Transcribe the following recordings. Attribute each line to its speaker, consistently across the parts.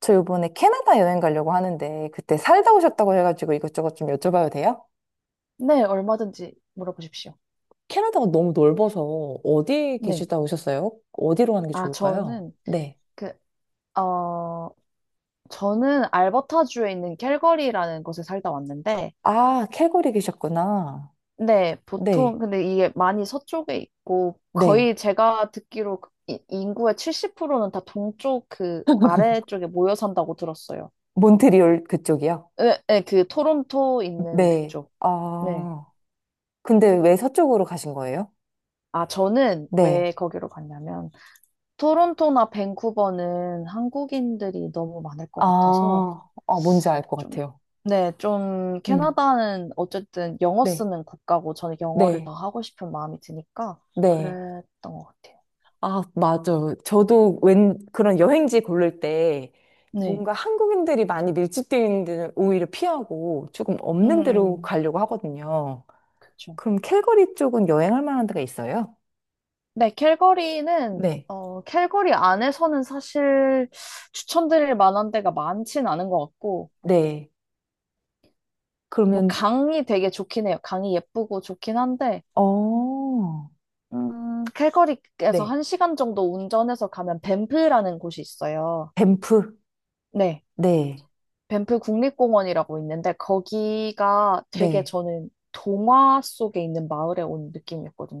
Speaker 1: 저 이번에 캐나다 여행 가려고 하는데 그때 살다 오셨다고 해가지고 이것저것 좀 여쭤봐도 돼요?
Speaker 2: 네, 얼마든지 물어보십시오.
Speaker 1: 캐나다가 너무 넓어서 어디
Speaker 2: 네.
Speaker 1: 계시다 오셨어요? 어디로 가는 게
Speaker 2: 아,
Speaker 1: 좋을까요?
Speaker 2: 저는
Speaker 1: 네.
Speaker 2: 그, 어, 저는 알버타주에 있는 캘거리라는 곳에 살다 왔는데,
Speaker 1: 아, 캘거리 계셨구나.
Speaker 2: 네,
Speaker 1: 네,
Speaker 2: 보통, 근데 이게 많이 서쪽에 있고,
Speaker 1: 네.
Speaker 2: 거의 제가 듣기로 그 인구의 70%는 다 동쪽 그 아래쪽에 모여 산다고 들었어요.
Speaker 1: 몬트리올 그쪽이요?
Speaker 2: 네, 네, 그 토론토 있는
Speaker 1: 네.
Speaker 2: 그쪽. 네.
Speaker 1: 아, 근데 왜 서쪽으로 가신 거예요?
Speaker 2: 아, 저는 왜
Speaker 1: 네.
Speaker 2: 거기로 갔냐면, 토론토나 밴쿠버는 한국인들이 너무 많을 것 같아서,
Speaker 1: 아, 아 뭔지 알 것
Speaker 2: 좀,
Speaker 1: 같아요.
Speaker 2: 네, 좀,
Speaker 1: 음,
Speaker 2: 캐나다는 어쨌든 영어
Speaker 1: 네,
Speaker 2: 쓰는 국가고, 저는 영어를 더
Speaker 1: 네,
Speaker 2: 하고 싶은 마음이 드니까,
Speaker 1: 네.
Speaker 2: 그랬던 것 같아요.
Speaker 1: 아, 맞아 저도 웬 그런 여행지 고를 때
Speaker 2: 네.
Speaker 1: 뭔가 한국인들이 많이 밀집되어 있는 데는 오히려 피하고 조금
Speaker 2: 음,
Speaker 1: 없는 데로
Speaker 2: 음,
Speaker 1: 가려고 하거든요.
Speaker 2: 그쵸.
Speaker 1: 그럼 캘거리 쪽은 여행할 만한 데가 있어요?
Speaker 2: 네, 캘거리는,
Speaker 1: 네.
Speaker 2: 어, 캘거리 안에서는 사실 추천드릴 만한 데가 많진 않은 것 같고,
Speaker 1: 네.
Speaker 2: 뭐,
Speaker 1: 그러면,
Speaker 2: 강이 되게 좋긴 해요. 강이 예쁘고 좋긴 한데,
Speaker 1: 어,
Speaker 2: 캘거리에서
Speaker 1: 네.
Speaker 2: 한 시간 정도 운전해서 가면 밴프라는 곳이 있어요.
Speaker 1: 밴프.
Speaker 2: 네.
Speaker 1: 네.
Speaker 2: 밴프 국립공원이라고 있는데 거기가 되게
Speaker 1: 네.
Speaker 2: 저는 동화 속에 있는 마을에 온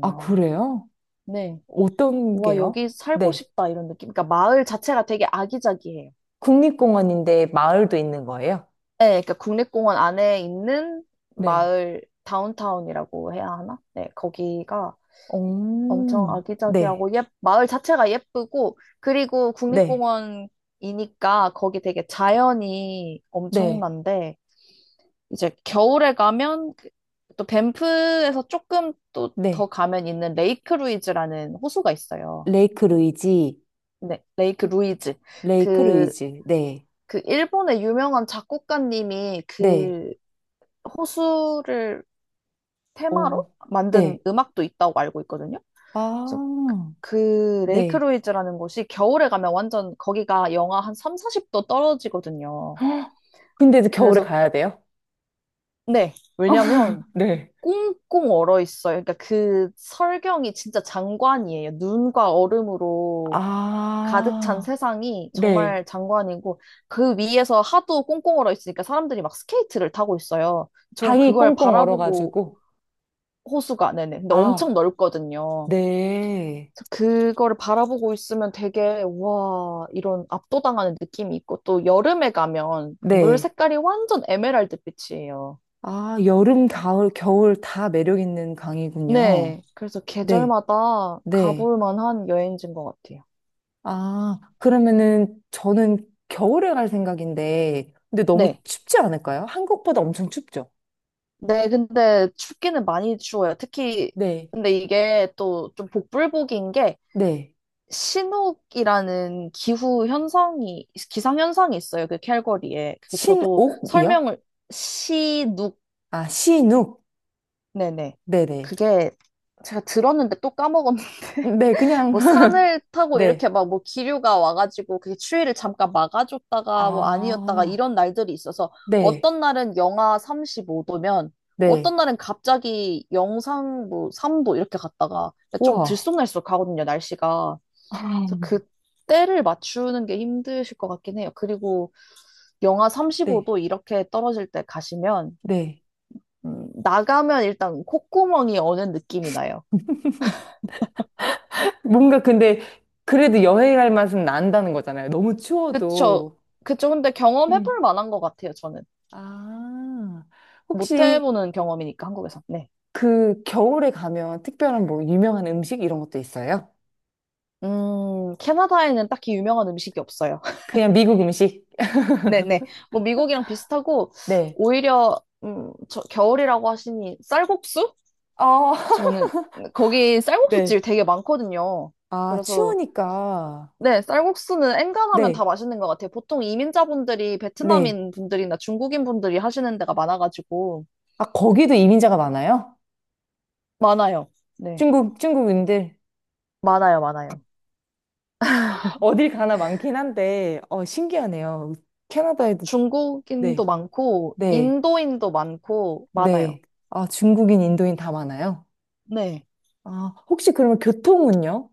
Speaker 1: 아, 그래요?
Speaker 2: 네.
Speaker 1: 어떤
Speaker 2: 와,
Speaker 1: 게요?
Speaker 2: 여기 살고
Speaker 1: 네.
Speaker 2: 싶다 이런 느낌. 그러니까 마을 자체가 되게 아기자기해요.
Speaker 1: 국립공원인데 마을도 있는 거예요?
Speaker 2: 네, 그러니까 국립공원 안에 있는
Speaker 1: 네.
Speaker 2: 마을 다운타운이라고 해야 하나? 네, 거기가 엄청
Speaker 1: 오, 네.
Speaker 2: 아기자기하고 예, 마을 자체가 예쁘고 그리고
Speaker 1: 네.
Speaker 2: 국립공원이니까 거기 되게 자연이
Speaker 1: 네.
Speaker 2: 엄청난데 이제 겨울에 가면 그또 밴프에서 조금 또 더
Speaker 1: 네.
Speaker 2: 가면 있는 레이크 루이즈라는 호수가 있어요.
Speaker 1: 레이크 루이지,
Speaker 2: 네, 레이크 루이즈.
Speaker 1: 레이크
Speaker 2: 그,
Speaker 1: 루이지, 네,
Speaker 2: 그 일본의 유명한 작곡가님이
Speaker 1: 네,
Speaker 2: 그 호수를
Speaker 1: 오,
Speaker 2: 테마로 만든
Speaker 1: 네,
Speaker 2: 음악도 있다고 알고 있거든요. 그래서
Speaker 1: 아,
Speaker 2: 그 레이크
Speaker 1: 네,
Speaker 2: 루이즈라는 곳이 겨울에 가면 완전 거기가 영하 한 3, 40도 떨어지거든요.
Speaker 1: 근데 이제 겨울에
Speaker 2: 그래서
Speaker 1: 가야 돼요?
Speaker 2: 네, 왜냐면
Speaker 1: 네.
Speaker 2: 꽁꽁 얼어 있어요. 그러니까 그 설경이 진짜 장관이에요. 눈과 얼음으로 가득 찬
Speaker 1: 아,
Speaker 2: 세상이
Speaker 1: 네,
Speaker 2: 정말 장관이고 그 위에서 하도 꽁꽁 얼어 있으니까 사람들이 막 스케이트를 타고 있어요. 저는
Speaker 1: 강이
Speaker 2: 그걸
Speaker 1: 꽁꽁
Speaker 2: 바라보고
Speaker 1: 얼어가지고.
Speaker 2: 호수가 네네. 근데 엄청
Speaker 1: 아,
Speaker 2: 넓거든요.
Speaker 1: 네,
Speaker 2: 그래서 그거를 바라보고 있으면 되게 와 이런 압도당하는 느낌이 있고 또 여름에 가면 물
Speaker 1: 네,
Speaker 2: 색깔이 완전 에메랄드 빛이에요.
Speaker 1: 아, 여름, 가을, 겨울 다 매력 있는 강이군요.
Speaker 2: 네. 그래서
Speaker 1: 네,
Speaker 2: 계절마다
Speaker 1: 네,
Speaker 2: 가볼 만한 여행지인 것 같아요.
Speaker 1: 아, 그러면은 저는 겨울에 갈 생각인데, 근데 너무
Speaker 2: 네.
Speaker 1: 춥지 않을까요? 한국보다 엄청 춥죠?
Speaker 2: 네, 근데 춥기는 많이 추워요. 특히,
Speaker 1: 네,
Speaker 2: 근데 이게 또 좀 복불복인 게,
Speaker 1: 네.
Speaker 2: 신옥이라는 기후 현상이, 기상 현상이 있어요. 그 캘거리에. 그게 저도
Speaker 1: 신옥이요?
Speaker 2: 설명을, 시눅,
Speaker 1: 아, 신욱.
Speaker 2: 네네.
Speaker 1: 네네.
Speaker 2: 그게 제가 들었는데 또까먹었는데
Speaker 1: 네, 그냥,
Speaker 2: 뭐 산을 타고 이렇게
Speaker 1: 네.
Speaker 2: 막 뭐 기류가 와가지고 그게 추위를 잠깐 막아줬다가 뭐 아니었다가
Speaker 1: 아,
Speaker 2: 이런 날들이 있어서
Speaker 1: 네,
Speaker 2: 어떤 날은 영하 35도면
Speaker 1: 네.
Speaker 2: 어떤 날은 갑자기 영상 뭐 3도 이렇게 갔다가 좀
Speaker 1: 우와.
Speaker 2: 들쑥날쑥 하거든요, 날씨가. 그래서
Speaker 1: 아,
Speaker 2: 그때를 맞추는 게 힘드실 것 같긴 해요. 그리고 영하
Speaker 1: 네,
Speaker 2: 35도 이렇게 떨어질 때 가시면
Speaker 1: 네.
Speaker 2: 나가면 일단 콧구멍이 어는 느낌이 나요.
Speaker 1: 뭔가 근데, 그래도 여행할 맛은 난다는 거잖아요. 너무
Speaker 2: 그쵸.
Speaker 1: 추워도.
Speaker 2: 그쵸. 근데 경험해볼
Speaker 1: 음.
Speaker 2: 만한 것 같아요, 저는.
Speaker 1: 아,
Speaker 2: 못
Speaker 1: 혹시
Speaker 2: 해보는 경험이니까, 한국에서. 네.
Speaker 1: 그 겨울에 가면 특별한 뭐 유명한 음식 이런 것도 있어요?
Speaker 2: 캐나다에는 딱히 유명한 음식이 없어요.
Speaker 1: 그냥 미국 음식?
Speaker 2: 네네. 뭐, 미국이랑 비슷하고,
Speaker 1: 네.
Speaker 2: 오히려, 저, 겨울이라고 하시니, 쌀국수?
Speaker 1: 아,
Speaker 2: 저는, 거기 쌀국수집
Speaker 1: 네.
Speaker 2: 되게 많거든요.
Speaker 1: 아,
Speaker 2: 그래서,
Speaker 1: 추우니까.
Speaker 2: 네, 쌀국수는 엔간하면 다
Speaker 1: 네,
Speaker 2: 맛있는 것 같아요. 보통 이민자분들이
Speaker 1: 네.
Speaker 2: 베트남인 분들이나 중국인 분들이 하시는 데가 많아가지고,
Speaker 1: 아, 거기도 이민자가 많아요?
Speaker 2: 많아요. 네.
Speaker 1: 중국인들.
Speaker 2: 많아요, 많아요.
Speaker 1: 어딜 가나 많긴 한데, 어, 신기하네요. 캐나다에도, 네,
Speaker 2: 중국인도 많고,
Speaker 1: 네,
Speaker 2: 인도인도 많고, 많아요.
Speaker 1: 네. 아, 중국인, 인도인 다 많아요?
Speaker 2: 네.
Speaker 1: 아, 혹시 그러면 교통은요?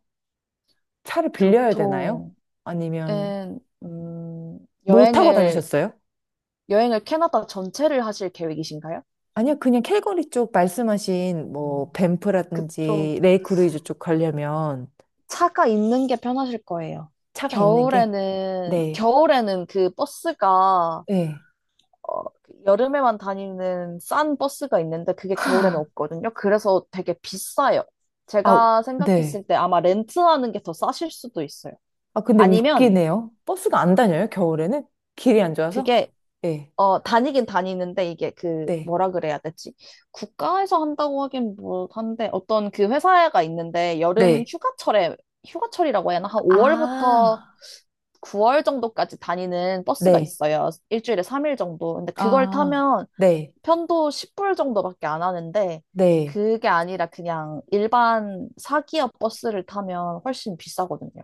Speaker 1: 차를 빌려야 되나요?
Speaker 2: 교통은
Speaker 1: 아니면,
Speaker 2: 음,
Speaker 1: 뭘 타고
Speaker 2: 여행을
Speaker 1: 다니셨어요?
Speaker 2: 여행을 캐나다 전체를 하실 계획이신가요?
Speaker 1: 아니요, 그냥 캘거리 쪽 말씀하신,
Speaker 2: 음,
Speaker 1: 뭐,
Speaker 2: 그쪽
Speaker 1: 밴프라든지, 레이크루이즈 쪽 가려면
Speaker 2: 차가 있는 게 편하실 거예요.
Speaker 1: 차가 있는 게,
Speaker 2: 겨울에는
Speaker 1: 네,
Speaker 2: 겨울에는 그 버스가
Speaker 1: 네.
Speaker 2: 어, 그 여름에만 다니는 싼 버스가 있는데 그게 겨울에는 없거든요. 그래서 되게 비싸요.
Speaker 1: 아,
Speaker 2: 제가
Speaker 1: 네.
Speaker 2: 생각했을 때 아마 렌트하는 게 더 싸실 수도 있어요.
Speaker 1: 아, 근데
Speaker 2: 아니면
Speaker 1: 웃기네요. 버스가 안 다녀요, 겨울에는? 길이 안 좋아서?
Speaker 2: 그게
Speaker 1: 네,
Speaker 2: 어, 다니긴 다니는데 이게 그
Speaker 1: 네,
Speaker 2: 뭐라 그래야 되지? 국가에서 한다고 하긴 뭐 한데 어떤 그 회사가 있는데 여름
Speaker 1: 네.
Speaker 2: 휴가철에 휴가철이라고 해야 하나? 한 5월부터
Speaker 1: 아,
Speaker 2: 9월 정도까지 다니는 버스가
Speaker 1: 네,
Speaker 2: 있어요. 일주일에 3일 정도. 근데 그걸
Speaker 1: 아,
Speaker 2: 타면
Speaker 1: 네,
Speaker 2: 편도 10불 정도밖에 안 하는데
Speaker 1: 네.
Speaker 2: 그게 아니라 그냥 일반 사기업 버스를 타면 훨씬 비싸거든요.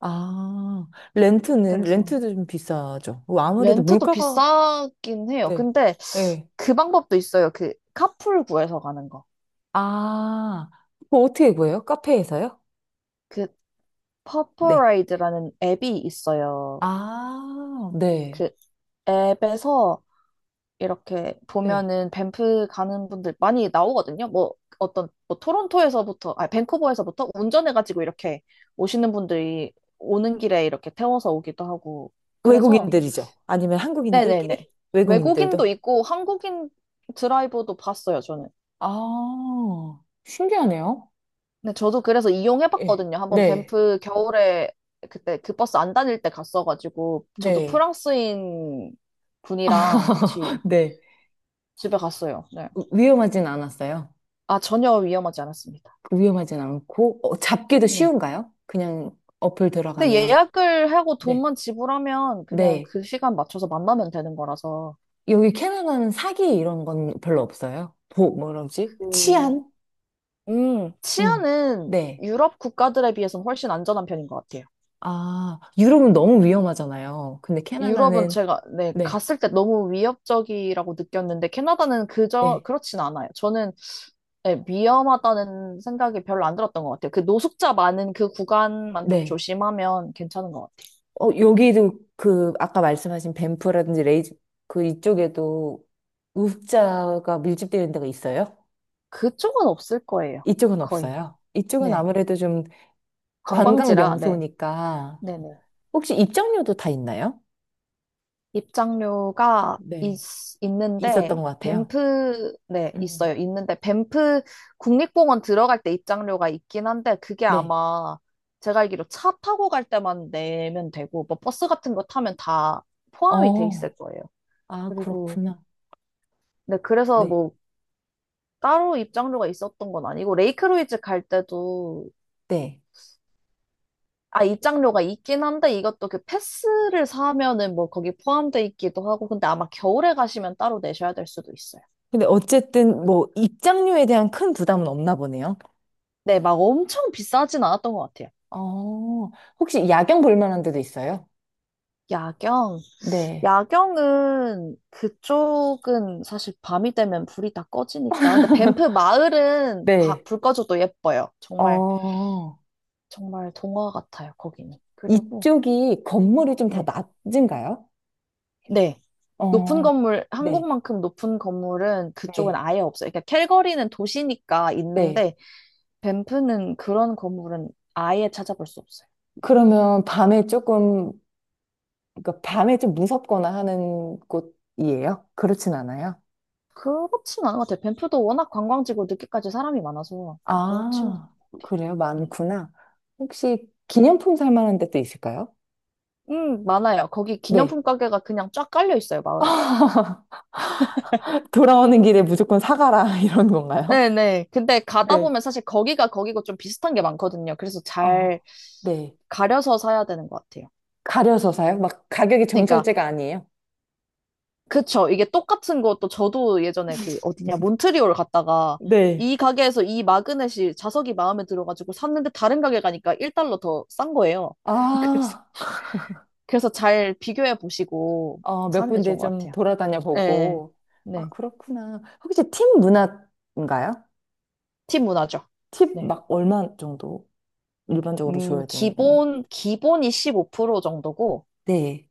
Speaker 1: 아, 렌트는,
Speaker 2: 그래서
Speaker 1: 렌트도 좀 비싸죠. 뭐 아무래도
Speaker 2: 렌트도
Speaker 1: 물가가,
Speaker 2: 비싸긴 해요.
Speaker 1: 네,
Speaker 2: 근데
Speaker 1: 네.
Speaker 2: 그 방법도 있어요. 그 카풀 구해서 가는 거.
Speaker 1: 아, 그거 어떻게 구해요? 카페에서요?
Speaker 2: 그
Speaker 1: 네.
Speaker 2: 퍼플라이드라는 앱이 있어요.
Speaker 1: 아, 네,
Speaker 2: 그 앱에서 이렇게
Speaker 1: 네.
Speaker 2: 보면은 밴프 가는 분들 많이 나오거든요. 뭐 어떤 뭐 토론토에서부터 아 밴쿠버에서부터 운전해가지고 이렇게 오시는 분들이 오는 길에 이렇게 태워서 오기도 하고 그래서
Speaker 1: 외국인들이죠. 아니면
Speaker 2: 네네네
Speaker 1: 한국인들끼리?
Speaker 2: 외국인도
Speaker 1: 외국인들도.
Speaker 2: 있고 한국인 드라이버도 봤어요 저는.
Speaker 1: 아, 신기하네요.
Speaker 2: 근데 저도 그래서
Speaker 1: 예.
Speaker 2: 이용해봤거든요. 한번
Speaker 1: 네.
Speaker 2: 밴프 겨울에 그때 그 버스 안 다닐 때 갔어가지고 저도
Speaker 1: 네.
Speaker 2: 프랑스인 분이랑 같이
Speaker 1: 네.
Speaker 2: 집에 갔어요. 네.
Speaker 1: 위험하진 않았어요.
Speaker 2: 아, 전혀 위험하지 않았습니다.
Speaker 1: 그 위험하진 않고, 어, 잡기도
Speaker 2: 네.
Speaker 1: 쉬운가요? 그냥 어플
Speaker 2: 근데
Speaker 1: 들어가면.
Speaker 2: 예약을 하고
Speaker 1: 네.
Speaker 2: 돈만 지불하면 그냥
Speaker 1: 네.
Speaker 2: 그 시간 맞춰서 만나면 되는 거라서
Speaker 1: 여기 캐나다는 사기 이런 건 별로 없어요. 보, 뭐라지?
Speaker 2: 그,
Speaker 1: 치안? 음.
Speaker 2: 치안은
Speaker 1: 네.
Speaker 2: 유럽 국가들에 비해서는 훨씬 안전한 편인 것 같아요.
Speaker 1: 아, 유럽은 너무 위험하잖아요. 근데
Speaker 2: 유럽은
Speaker 1: 캐나다는,
Speaker 2: 제가 네,
Speaker 1: 네.
Speaker 2: 갔을 때 너무 위협적이라고 느꼈는데 캐나다는 그저
Speaker 1: 네.
Speaker 2: 그렇진 않아요. 저는 네, 위험하다는 생각이 별로 안 들었던 것 같아요. 그 노숙자 많은 그 구간만 좀
Speaker 1: 네.
Speaker 2: 조심하면 괜찮은 것 같아요.
Speaker 1: 어, 여기도 그, 아까 말씀하신 밴프라든지 레이즈, 그 이쪽에도 우자가 밀집되는 데가 있어요?
Speaker 2: 그쪽은 없을 거예요.
Speaker 1: 이쪽은
Speaker 2: 거의.
Speaker 1: 없어요. 이쪽은
Speaker 2: 네.
Speaker 1: 아무래도 좀 관광
Speaker 2: 관광지라, 네.
Speaker 1: 명소니까
Speaker 2: 네네.
Speaker 1: 혹시 입장료도 다 있나요?
Speaker 2: 입장료가 있,
Speaker 1: 네. 있었던
Speaker 2: 있는데,
Speaker 1: 것 같아요.
Speaker 2: 밴프, 네, 있어요.
Speaker 1: 음.
Speaker 2: 있는데, 밴프 국립공원 들어갈 때 입장료가 있긴 한데, 그게
Speaker 1: 네.
Speaker 2: 아마 제가 알기로 차 타고 갈 때만 내면 되고, 뭐 버스 같은 거 타면 다 포함이 돼
Speaker 1: 어,
Speaker 2: 있을 거예요.
Speaker 1: 아,
Speaker 2: 그리고
Speaker 1: 그렇구나.
Speaker 2: 네, 그래서
Speaker 1: 네.
Speaker 2: 뭐 따로 입장료가 있었던 건 아니고 레이크로이즈 갈 때도
Speaker 1: 네.
Speaker 2: 아 입장료가 있긴 한데 이것도 그 패스를 사면은 뭐 거기 포함돼 있기도 하고 근데 아마 겨울에 가시면 따로 내셔야 될 수도 있어요.
Speaker 1: 근데 어쨌든 뭐 입장료에 대한 큰 부담은 없나 보네요.
Speaker 2: 네, 막 엄청 비싸진 않았던 것 같아요.
Speaker 1: 어, 혹시 야경 볼 만한 데도 있어요?
Speaker 2: 야경,
Speaker 1: 네.
Speaker 2: 야경은 그쪽은 사실 밤이 되면 불이 다 꺼지니까. 근데 밴프 마을은
Speaker 1: 네.
Speaker 2: 불 꺼져도 예뻐요. 정말
Speaker 1: 어,
Speaker 2: 정말 동화 같아요, 거기는. 그리고
Speaker 1: 이쪽이 건물이 좀 다
Speaker 2: 네.
Speaker 1: 낮은가요?
Speaker 2: 네. 높은
Speaker 1: 어,
Speaker 2: 건물,
Speaker 1: 네.
Speaker 2: 한국만큼 높은 건물은 그쪽은
Speaker 1: 네.
Speaker 2: 아예 없어요. 그러니까 캘거리는 도시니까
Speaker 1: 네.
Speaker 2: 있는데 밴프는 그런 건물은 아예 찾아볼 수 없어요.
Speaker 1: 그러면 밤에 조금 그러니까 밤에 좀 무섭거나 하는 곳이에요? 그렇진 않아요?
Speaker 2: 그렇진 않은 것 같아요. 밴프도 워낙 관광지고 늦게까지 사람이 많아서 그렇지는 않은
Speaker 1: 아,
Speaker 2: 것 같아요.
Speaker 1: 그래요?
Speaker 2: 네.
Speaker 1: 많구나. 혹시 기념품 살 만한 데도 있을까요?
Speaker 2: 많아요. 거기
Speaker 1: 네.
Speaker 2: 기념품 가게가 그냥 쫙 깔려 있어요, 마을에.
Speaker 1: 돌아오는 길에 무조건 사가라, 이런 건가요?
Speaker 2: 네네. 근데 가다
Speaker 1: 네.
Speaker 2: 보면 사실 거기가 거기고 좀 비슷한 게 많거든요. 그래서 잘
Speaker 1: 어, 네.
Speaker 2: 가려서 사야 되는 것 같아요.
Speaker 1: 가려서 사요? 막 가격이
Speaker 2: 그러니까
Speaker 1: 정찰제가 아니에요?
Speaker 2: 그쵸. 이게 똑같은 것도 저도 예전에 그 어디냐, 몬트리올 갔다가
Speaker 1: 네.
Speaker 2: 이 가게에서 이 마그넷이 자석이 마음에 들어가지고 샀는데 다른 가게 가니까 1달러 더 싼 거예요. 그래서,
Speaker 1: 아,
Speaker 2: 그래서 잘 비교해 보시고
Speaker 1: 어, 몇
Speaker 2: 사는 게
Speaker 1: 군데
Speaker 2: 좋은 것
Speaker 1: 좀
Speaker 2: 같아요.
Speaker 1: 돌아다녀
Speaker 2: 네.
Speaker 1: 보고. 아,
Speaker 2: 네.
Speaker 1: 그렇구나. 혹시 팁 문화인가요?
Speaker 2: 팀 문화죠.
Speaker 1: 팁
Speaker 2: 네.
Speaker 1: 막 얼마 정도 일반적으로 줘야 되나요?
Speaker 2: 기본이 15% 정도고
Speaker 1: 네.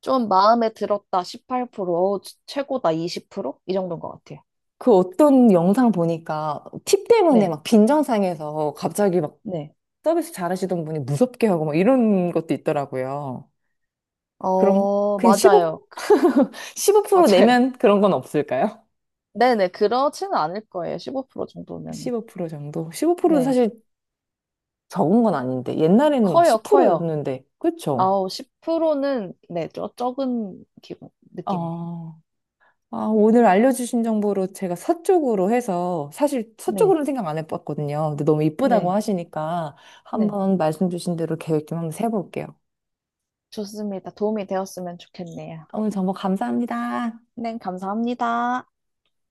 Speaker 2: 좀 마음에 들었다 18%, 어우, 최고다 20%? 이 정도인 것 같아요.
Speaker 1: 그 어떤 영상 보니까 팁 때문에
Speaker 2: 네.
Speaker 1: 막 빈정상에서 갑자기 막
Speaker 2: 네.
Speaker 1: 서비스 잘하시던 분이 무섭게 하고 막 이런 것도 있더라고요. 그럼
Speaker 2: 어,
Speaker 1: 그냥
Speaker 2: 맞아요.
Speaker 1: 15, 프로
Speaker 2: 맞아요.
Speaker 1: 내면 그런 건 없을까요?
Speaker 2: 네네, 그렇지는 않을 거예요. 15% 정도면은.
Speaker 1: 15% 정도? 15%도
Speaker 2: 네.
Speaker 1: 사실 적은 건 아닌데. 옛날에는 막
Speaker 2: 커요, 커요.
Speaker 1: 10%였는데. 그쵸?
Speaker 2: 아우, 10%는, 네, 저, 적은 기분, 느낌이에요.
Speaker 1: 아, 아, 오늘 알려주신 정보로 제가 서쪽으로 해서 사실
Speaker 2: 네,
Speaker 1: 서쪽으로는 생각 안 해봤거든요. 근데 너무 이쁘다고
Speaker 2: 네,
Speaker 1: 하시니까
Speaker 2: 네.
Speaker 1: 한번 말씀 주신 대로 계획 좀 한번 세볼게요.
Speaker 2: 좋습니다. 도움이 되었으면 좋겠네요.
Speaker 1: 오늘 정보 감사합니다.
Speaker 2: 네, 감사합니다.